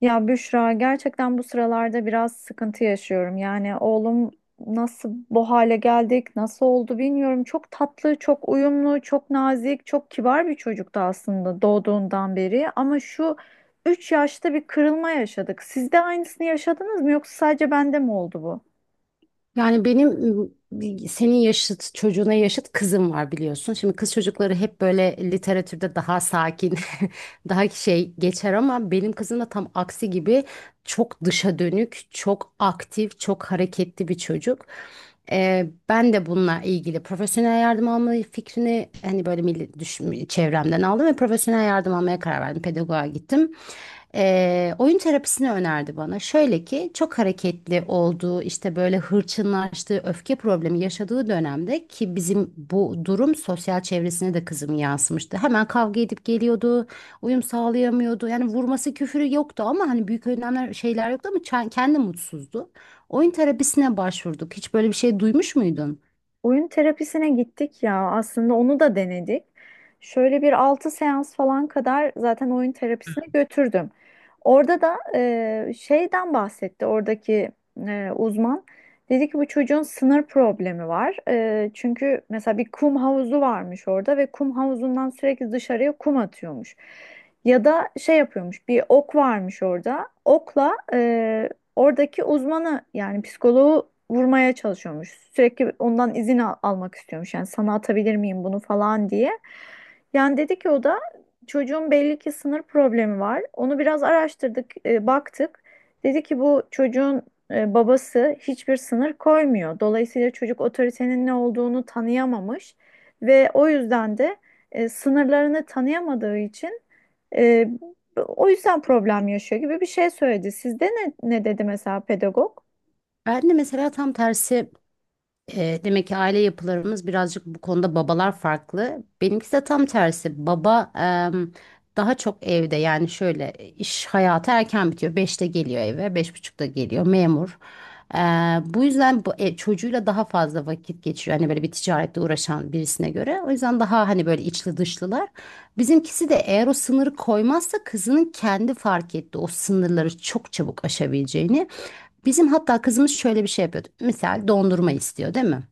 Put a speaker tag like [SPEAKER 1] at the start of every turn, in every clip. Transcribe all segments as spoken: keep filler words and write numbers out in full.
[SPEAKER 1] Ya Büşra gerçekten bu sıralarda biraz sıkıntı yaşıyorum. Yani oğlum nasıl bu hale geldik, nasıl oldu bilmiyorum. Çok tatlı, çok uyumlu, çok nazik, çok kibar bir çocuktu aslında doğduğundan beri. Ama şu üç yaşta bir kırılma yaşadık. Siz de aynısını yaşadınız mı yoksa sadece bende mi oldu bu?
[SPEAKER 2] Yani benim ım, senin yaşıt çocuğuna yaşıt kızım var biliyorsun. Şimdi kız çocukları hep böyle literatürde daha sakin, daha şey geçer ama benim kızım da tam aksi gibi çok dışa dönük, çok aktif, çok hareketli bir çocuk. Ee, ben de bununla ilgili profesyonel yardım alma fikrini hani böyle milli, düş- çevremden aldım ve profesyonel yardım almaya karar verdim. Pedagoğa gittim. Ee, oyun terapisini önerdi bana. Şöyle ki çok hareketli olduğu işte böyle hırçınlaştığı öfke problemi yaşadığı dönemde ki bizim bu durum sosyal çevresine de kızım yansımıştı. Hemen kavga edip geliyordu, uyum sağlayamıyordu. Yani vurması küfürü yoktu ama hani büyük önlemler şeyler yoktu ama çen- kendi mutsuzdu. Oyun terapisine başvurduk. Hiç böyle bir şey duymuş muydun?
[SPEAKER 1] Oyun terapisine gittik ya aslında onu da denedik. Şöyle bir altı seans falan kadar zaten oyun terapisine götürdüm. Orada da e, şeyden bahsetti oradaki e, uzman. Dedi ki bu çocuğun sınır problemi var. E, çünkü mesela bir kum havuzu varmış orada ve kum havuzundan sürekli dışarıya kum atıyormuş. Ya da şey yapıyormuş, bir ok varmış orada. Okla Oradaki uzmanı yani psikoloğu vurmaya çalışıyormuş. Sürekli ondan izin al- almak istiyormuş. Yani sana atabilir miyim bunu falan diye. Yani dedi ki o da çocuğun belli ki sınır problemi var. Onu biraz araştırdık, e, baktık. Dedi ki bu çocuğun e, babası hiçbir sınır koymuyor. Dolayısıyla çocuk otoritenin ne olduğunu tanıyamamış ve o yüzden de e, sınırlarını tanıyamadığı için ee, o yüzden problem yaşıyor gibi bir şey söyledi. Sizde ne, ne dedi mesela pedagog?
[SPEAKER 2] Ben de mesela tam tersi E, Demek ki aile yapılarımız birazcık bu konuda babalar farklı. Benimkisi de tam tersi. Baba em, daha çok evde yani şöyle iş hayatı erken bitiyor. Beşte geliyor eve, beş buçukta geliyor memur. E, Bu yüzden bu, e, çocuğuyla daha fazla vakit geçiriyor. Hani böyle bir ticarette uğraşan birisine göre. O yüzden daha hani böyle içli dışlılar. Bizimkisi de eğer o sınırı koymazsa kızının kendi fark etti o sınırları çok çabuk aşabileceğini. Bizim hatta kızımız şöyle bir şey yapıyordu. Misal dondurma istiyor değil mi?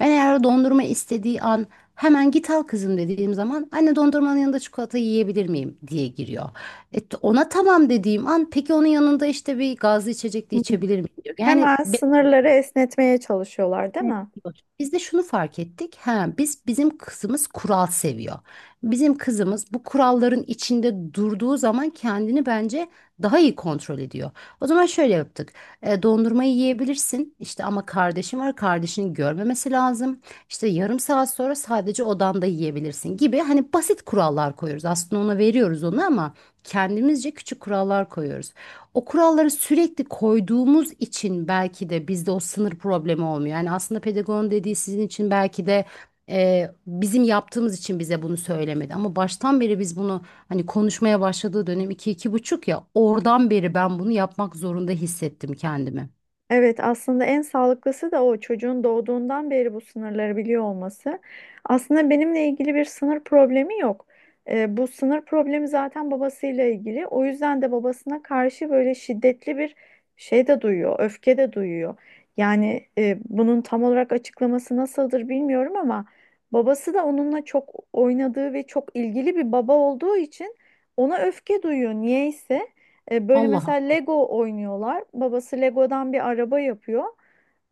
[SPEAKER 2] Ben eğer o dondurma istediği an hemen git al kızım dediğim zaman anne dondurmanın yanında çikolata yiyebilir miyim diye giriyor. E, ona tamam dediğim an peki onun yanında işte bir gazlı içecek de
[SPEAKER 1] Hı.
[SPEAKER 2] içebilir miyim diyor. Yani
[SPEAKER 1] Hemen sınırları esnetmeye çalışıyorlar, değil
[SPEAKER 2] Evet,
[SPEAKER 1] mi?
[SPEAKER 2] diyor. Biz de şunu fark ettik. Ha, biz bizim kızımız kural seviyor. Bizim kızımız bu kuralların içinde durduğu zaman kendini bence daha iyi kontrol ediyor. O zaman şöyle yaptık. E, dondurmayı yiyebilirsin. İşte ama kardeşim var. Kardeşini görmemesi lazım. İşte yarım saat sonra sadece odanda yiyebilirsin gibi hani basit kurallar koyuyoruz. Aslında ona veriyoruz onu ama kendimizce küçük kurallar koyuyoruz o kuralları sürekli koyduğumuz için belki de bizde o sınır problemi olmuyor. Yani aslında pedagogun dediği sizin için belki de e, bizim yaptığımız için bize bunu söylemedi. Ama baştan beri biz bunu hani konuşmaya başladığı dönem iki iki buçuk ya oradan beri ben bunu yapmak zorunda hissettim kendimi.
[SPEAKER 1] Evet, aslında en sağlıklısı da o çocuğun doğduğundan beri bu sınırları biliyor olması. Aslında benimle ilgili bir sınır problemi yok. Ee, bu sınır problemi zaten babasıyla ilgili. O yüzden de babasına karşı böyle şiddetli bir şey de duyuyor, öfke de duyuyor. Yani e, bunun tam olarak açıklaması nasıldır bilmiyorum ama babası da onunla çok oynadığı ve çok ilgili bir baba olduğu için ona öfke duyuyor niyeyse. E, böyle mesela
[SPEAKER 2] Allah.
[SPEAKER 1] Lego oynuyorlar. Babası Lego'dan bir araba yapıyor.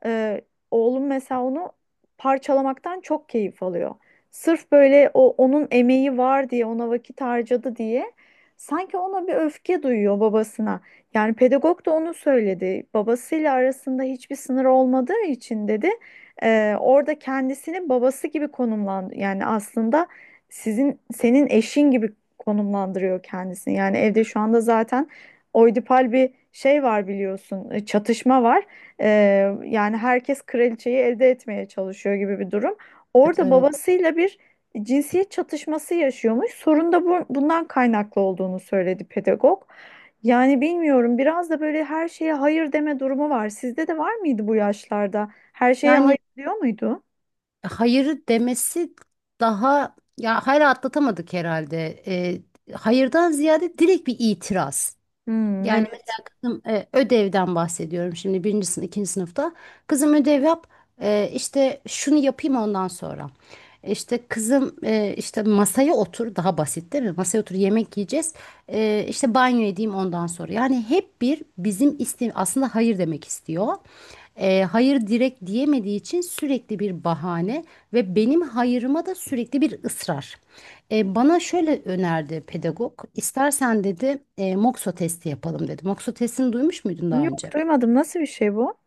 [SPEAKER 1] E, Oğlum mesela onu parçalamaktan çok keyif alıyor. Sırf böyle o onun emeği var diye, ona vakit harcadı diye sanki ona bir öfke duyuyor, babasına. Yani pedagog da onu söyledi. Babasıyla arasında hiçbir sınır olmadığı için dedi, e, orada kendisini babası gibi konumlandı. Yani aslında sizin, senin eşin gibi konumlandırıyor kendisini. Yani evde şu anda zaten oidipal bir şey var biliyorsun, e, çatışma var. Ee, Yani herkes kraliçeyi elde etmeye çalışıyor gibi bir durum.
[SPEAKER 2] Evet,
[SPEAKER 1] Orada
[SPEAKER 2] evet.
[SPEAKER 1] babasıyla bir cinsiyet çatışması yaşıyormuş. Sorun da bu, bundan kaynaklı olduğunu söyledi pedagog. Yani bilmiyorum, biraz da böyle her şeye hayır deme durumu var. Sizde de var mıydı bu yaşlarda? Her şeye
[SPEAKER 2] Yani
[SPEAKER 1] hayır diyor muydu?
[SPEAKER 2] hayırı demesi daha ya hayır atlatamadık herhalde. E, hayırdan ziyade direkt bir itiraz.
[SPEAKER 1] Hmm,
[SPEAKER 2] Yani mesela
[SPEAKER 1] evet.
[SPEAKER 2] kızım e, ödevden bahsediyorum şimdi birinci sınıf, ikinci sınıfta. Kızım ödev yap e, işte şunu yapayım ondan sonra. E, İşte kızım e, işte masaya otur daha basit değil mi? Masaya otur yemek yiyeceğiz. E, işte banyo edeyim ondan sonra. Yani hep bir bizim iste aslında hayır demek istiyor e, hayır direkt diyemediği için sürekli bir bahane ve benim hayırıma da sürekli bir ısrar. E, bana şöyle önerdi pedagog. İstersen dedi e, Mokso testi yapalım dedi. Mokso testini duymuş muydun daha
[SPEAKER 1] Yok,
[SPEAKER 2] önce?
[SPEAKER 1] duymadım. Nasıl bir şey bu?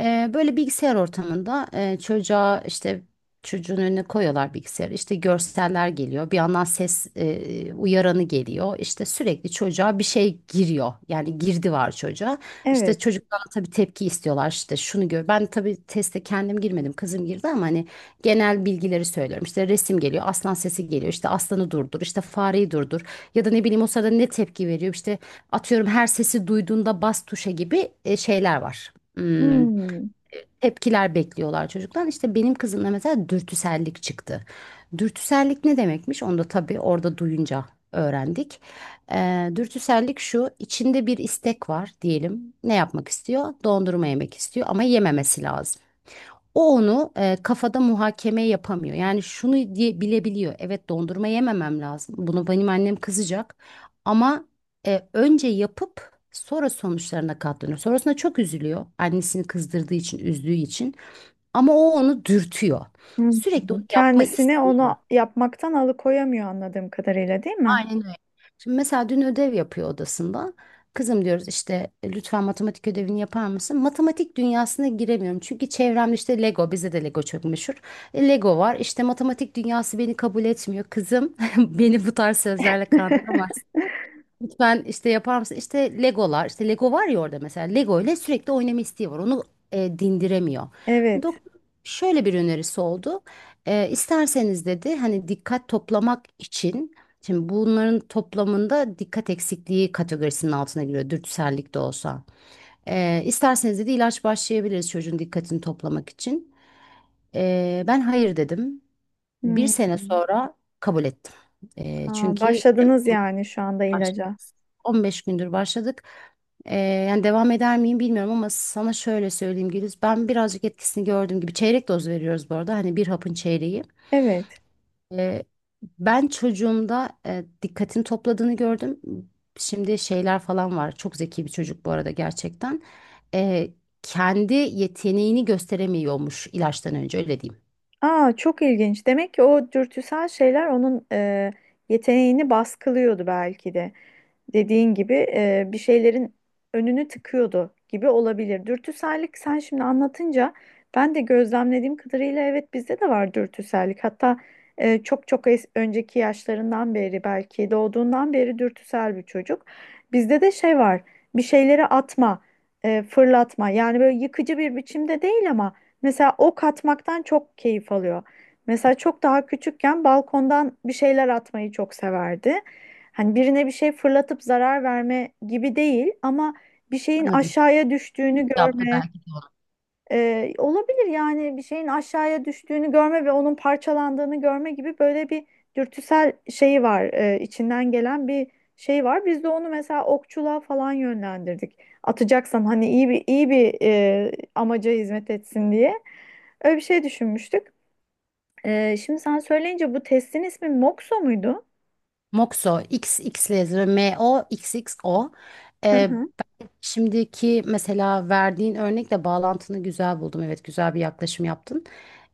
[SPEAKER 2] Ee, böyle bilgisayar ortamında e, çocuğa işte çocuğun önüne koyuyorlar bilgisayarı. İşte görseller geliyor. Bir yandan ses e, uyaranı geliyor. İşte sürekli çocuğa bir şey giriyor. Yani girdi var çocuğa.
[SPEAKER 1] Evet.
[SPEAKER 2] İşte çocuktan tabii tepki istiyorlar. İşte şunu gör. Ben tabii teste kendim girmedim. Kızım girdi ama hani genel bilgileri söylüyorum. İşte resim geliyor. Aslan sesi geliyor. İşte aslanı durdur. İşte fareyi durdur. Ya da ne bileyim o sırada ne tepki veriyor. İşte atıyorum her sesi duyduğunda bas tuşa gibi e, şeyler var. Hmm
[SPEAKER 1] Hmm.
[SPEAKER 2] tepkiler bekliyorlar çocuktan. İşte benim kızımda mesela dürtüsellik çıktı. Dürtüsellik ne demekmiş? Onu da tabii orada duyunca öğrendik. Ee, dürtüsellik şu, içinde bir istek var diyelim. Ne yapmak istiyor? Dondurma yemek istiyor ama yememesi lazım. O onu e, kafada muhakeme yapamıyor. Yani şunu diye bilebiliyor. Evet dondurma yememem lazım. Bunu benim annem kızacak. Ama e, önce yapıp sonra sonuçlarına katlanıyor. Sonrasında çok üzülüyor. Annesini kızdırdığı için, üzdüğü için. Ama o onu dürtüyor.
[SPEAKER 1] Hı.
[SPEAKER 2] Sürekli onu yapma
[SPEAKER 1] Kendisini
[SPEAKER 2] isteği var.
[SPEAKER 1] onu yapmaktan alıkoyamıyor anladığım kadarıyla, değil mi?
[SPEAKER 2] Aynen öyle. Şimdi mesela dün ödev yapıyor odasında. Kızım diyoruz işte e, lütfen matematik ödevini yapar mısın? Matematik dünyasına giremiyorum. Çünkü çevremde işte Lego, bize de Lego çok meşhur. E, Lego var. İşte matematik dünyası beni kabul etmiyor. Kızım beni bu tarz sözlerle kandıramazsın. Lütfen işte yapar mısın? İşte Legolar, işte Lego var ya orada mesela. Lego ile sürekli oynama isteği var. Onu e, dindiremiyor.
[SPEAKER 1] Evet.
[SPEAKER 2] Doktor şöyle bir önerisi oldu. E, isterseniz dedi hani dikkat toplamak için şimdi bunların toplamında dikkat eksikliği kategorisinin altına giriyor dürtüsellik de olsa. E, isterseniz dedi ilaç başlayabiliriz çocuğun dikkatini toplamak için. E, ben hayır dedim. Bir
[SPEAKER 1] Hmm.
[SPEAKER 2] sene sonra kabul ettim. E,
[SPEAKER 1] Aa,
[SPEAKER 2] çünkü
[SPEAKER 1] başladınız yani şu anda
[SPEAKER 2] başladık.
[SPEAKER 1] ilaca.
[SPEAKER 2] on beş gündür başladık. Ee, yani devam eder miyim bilmiyorum ama sana şöyle söyleyeyim Güliz. Ben birazcık etkisini gördüğüm gibi çeyrek doz veriyoruz bu arada. Hani bir hapın çeyreği.
[SPEAKER 1] Evet.
[SPEAKER 2] Ee, Ben çocuğumda e, dikkatini topladığını gördüm. Şimdi şeyler falan var. Çok zeki bir çocuk bu arada gerçekten. Ee, Kendi yeteneğini gösteremiyormuş ilaçtan önce öyle diyeyim.
[SPEAKER 1] Aa, çok ilginç. Demek ki o dürtüsel şeyler onun e, yeteneğini baskılıyordu belki de. Dediğin gibi e, bir şeylerin önünü tıkıyordu gibi olabilir. Dürtüsellik, sen şimdi anlatınca ben de gözlemlediğim kadarıyla evet bizde de var dürtüsellik. Hatta e, çok çok es- önceki yaşlarından beri, belki doğduğundan beri dürtüsel bir çocuk. Bizde de şey var, bir şeyleri atma, e, fırlatma, yani böyle yıkıcı bir biçimde değil ama mesela ok atmaktan çok keyif alıyor. Mesela çok daha küçükken balkondan bir şeyler atmayı çok severdi. Hani birine bir şey fırlatıp zarar verme gibi değil ama bir şeyin
[SPEAKER 2] Anladım.
[SPEAKER 1] aşağıya düştüğünü
[SPEAKER 2] Yaptı
[SPEAKER 1] görme,
[SPEAKER 2] belki de onu.
[SPEAKER 1] e, olabilir yani, bir şeyin aşağıya düştüğünü görme ve onun parçalandığını görme gibi böyle bir dürtüsel şeyi var, e, içinden gelen bir şey var. Biz de onu mesela okçuluğa falan yönlendirdik. Atacaksan hani iyi bir iyi bir e, amaca hizmet etsin diye. Öyle bir şey düşünmüştük. Ee, şimdi sen söyleyince, bu testin ismi Moxo muydu?
[SPEAKER 2] Moxo, X X yazıyor. M O X X O.
[SPEAKER 1] Hı hı.
[SPEAKER 2] Şimdiki mesela verdiğin örnekle bağlantını güzel buldum. Evet, güzel bir yaklaşım yaptın.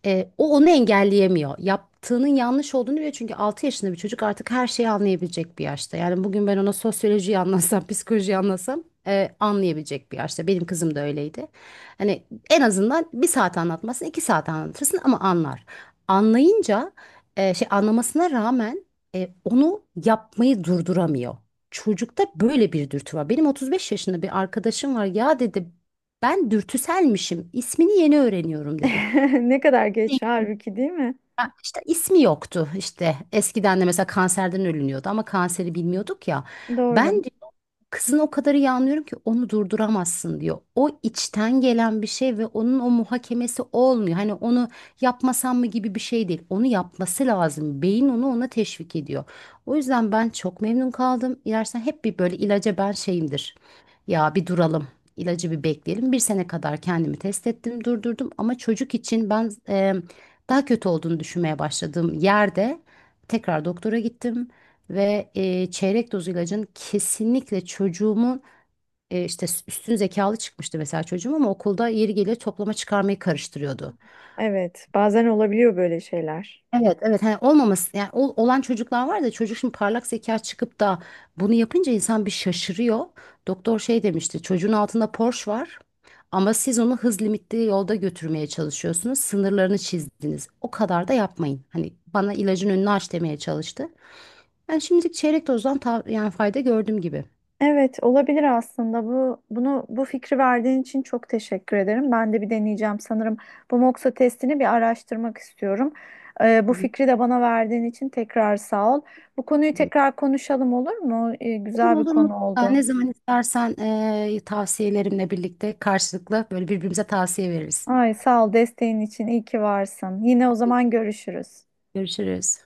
[SPEAKER 2] Ee, o onu engelleyemiyor. Yaptığının yanlış olduğunu biliyor. Çünkü altı yaşında bir çocuk artık her şeyi anlayabilecek bir yaşta. Yani bugün ben ona sosyolojiyi anlatsam, psikolojiyi anlatsam e, anlayabilecek bir yaşta. Benim kızım da öyleydi. Hani en azından bir saat anlatmasın, iki saat anlatırsın ama anlar. Anlayınca e, şey anlamasına rağmen e, onu yapmayı durduramıyor. Çocukta böyle bir dürtü var. Benim otuz beş yaşında bir arkadaşım var. Ya dedi ben dürtüselmişim. İsmini yeni öğreniyorum dedi
[SPEAKER 1] Ne kadar geç halbuki, değil mi?
[SPEAKER 2] mesela ismi yoktu işte. Eskiden de mesela kanserden ölünüyordu ama kanseri bilmiyorduk ya. Ben
[SPEAKER 1] Doğru.
[SPEAKER 2] diyor, kızın o kadar iyi anlıyorum ki onu durduramazsın diyor. O içten gelen bir şey ve onun o muhakemesi olmuyor. Hani onu yapmasam mı gibi bir şey değil. Onu yapması lazım. Beyin onu ona teşvik ediyor. O yüzden ben çok memnun kaldım. İlersen hep bir böyle ilaca ben şeyimdir. Ya bir duralım. İlacı bir bekleyelim. Bir sene kadar kendimi test ettim, durdurdum. Ama çocuk için ben daha kötü olduğunu düşünmeye başladığım yerde tekrar doktora gittim ve e, çeyrek doz ilacın kesinlikle çocuğumun e, işte üstün zekalı çıkmıştı mesela çocuğum ama okulda yeri geliyor toplama çıkarmayı karıştırıyordu.
[SPEAKER 1] Evet, bazen olabiliyor böyle şeyler.
[SPEAKER 2] Evet evet hani olmaması yani ol- olan çocuklar var da çocuk şimdi parlak zeka çıkıp da bunu yapınca insan bir şaşırıyor. Doktor şey demişti çocuğun altında Porsche var ama siz onu hız limitli yolda götürmeye çalışıyorsunuz sınırlarını çizdiniz o kadar da yapmayın. Hani bana ilacın önünü aç demeye çalıştı. Ben şimdilik çeyrek dozdan ta- yani fayda gördüm gibi.
[SPEAKER 1] Evet, olabilir aslında. Bu bunu bu fikri verdiğin için çok teşekkür ederim. Ben de bir deneyeceğim sanırım. Bu Moxa testini bir araştırmak istiyorum. Ee, bu
[SPEAKER 2] Hı hı.
[SPEAKER 1] fikri de bana verdiğin için tekrar sağ ol. Bu konuyu tekrar konuşalım, olur mu? Ee,
[SPEAKER 2] Olur
[SPEAKER 1] güzel bir
[SPEAKER 2] olur
[SPEAKER 1] konu
[SPEAKER 2] mutlaka
[SPEAKER 1] oldu.
[SPEAKER 2] ne zaman istersen eee, tavsiyelerimle birlikte karşılıklı böyle birbirimize tavsiye veririz.
[SPEAKER 1] Ay, sağ ol desteğin için. İyi ki varsın. Yine o zaman görüşürüz.
[SPEAKER 2] Görüşürüz.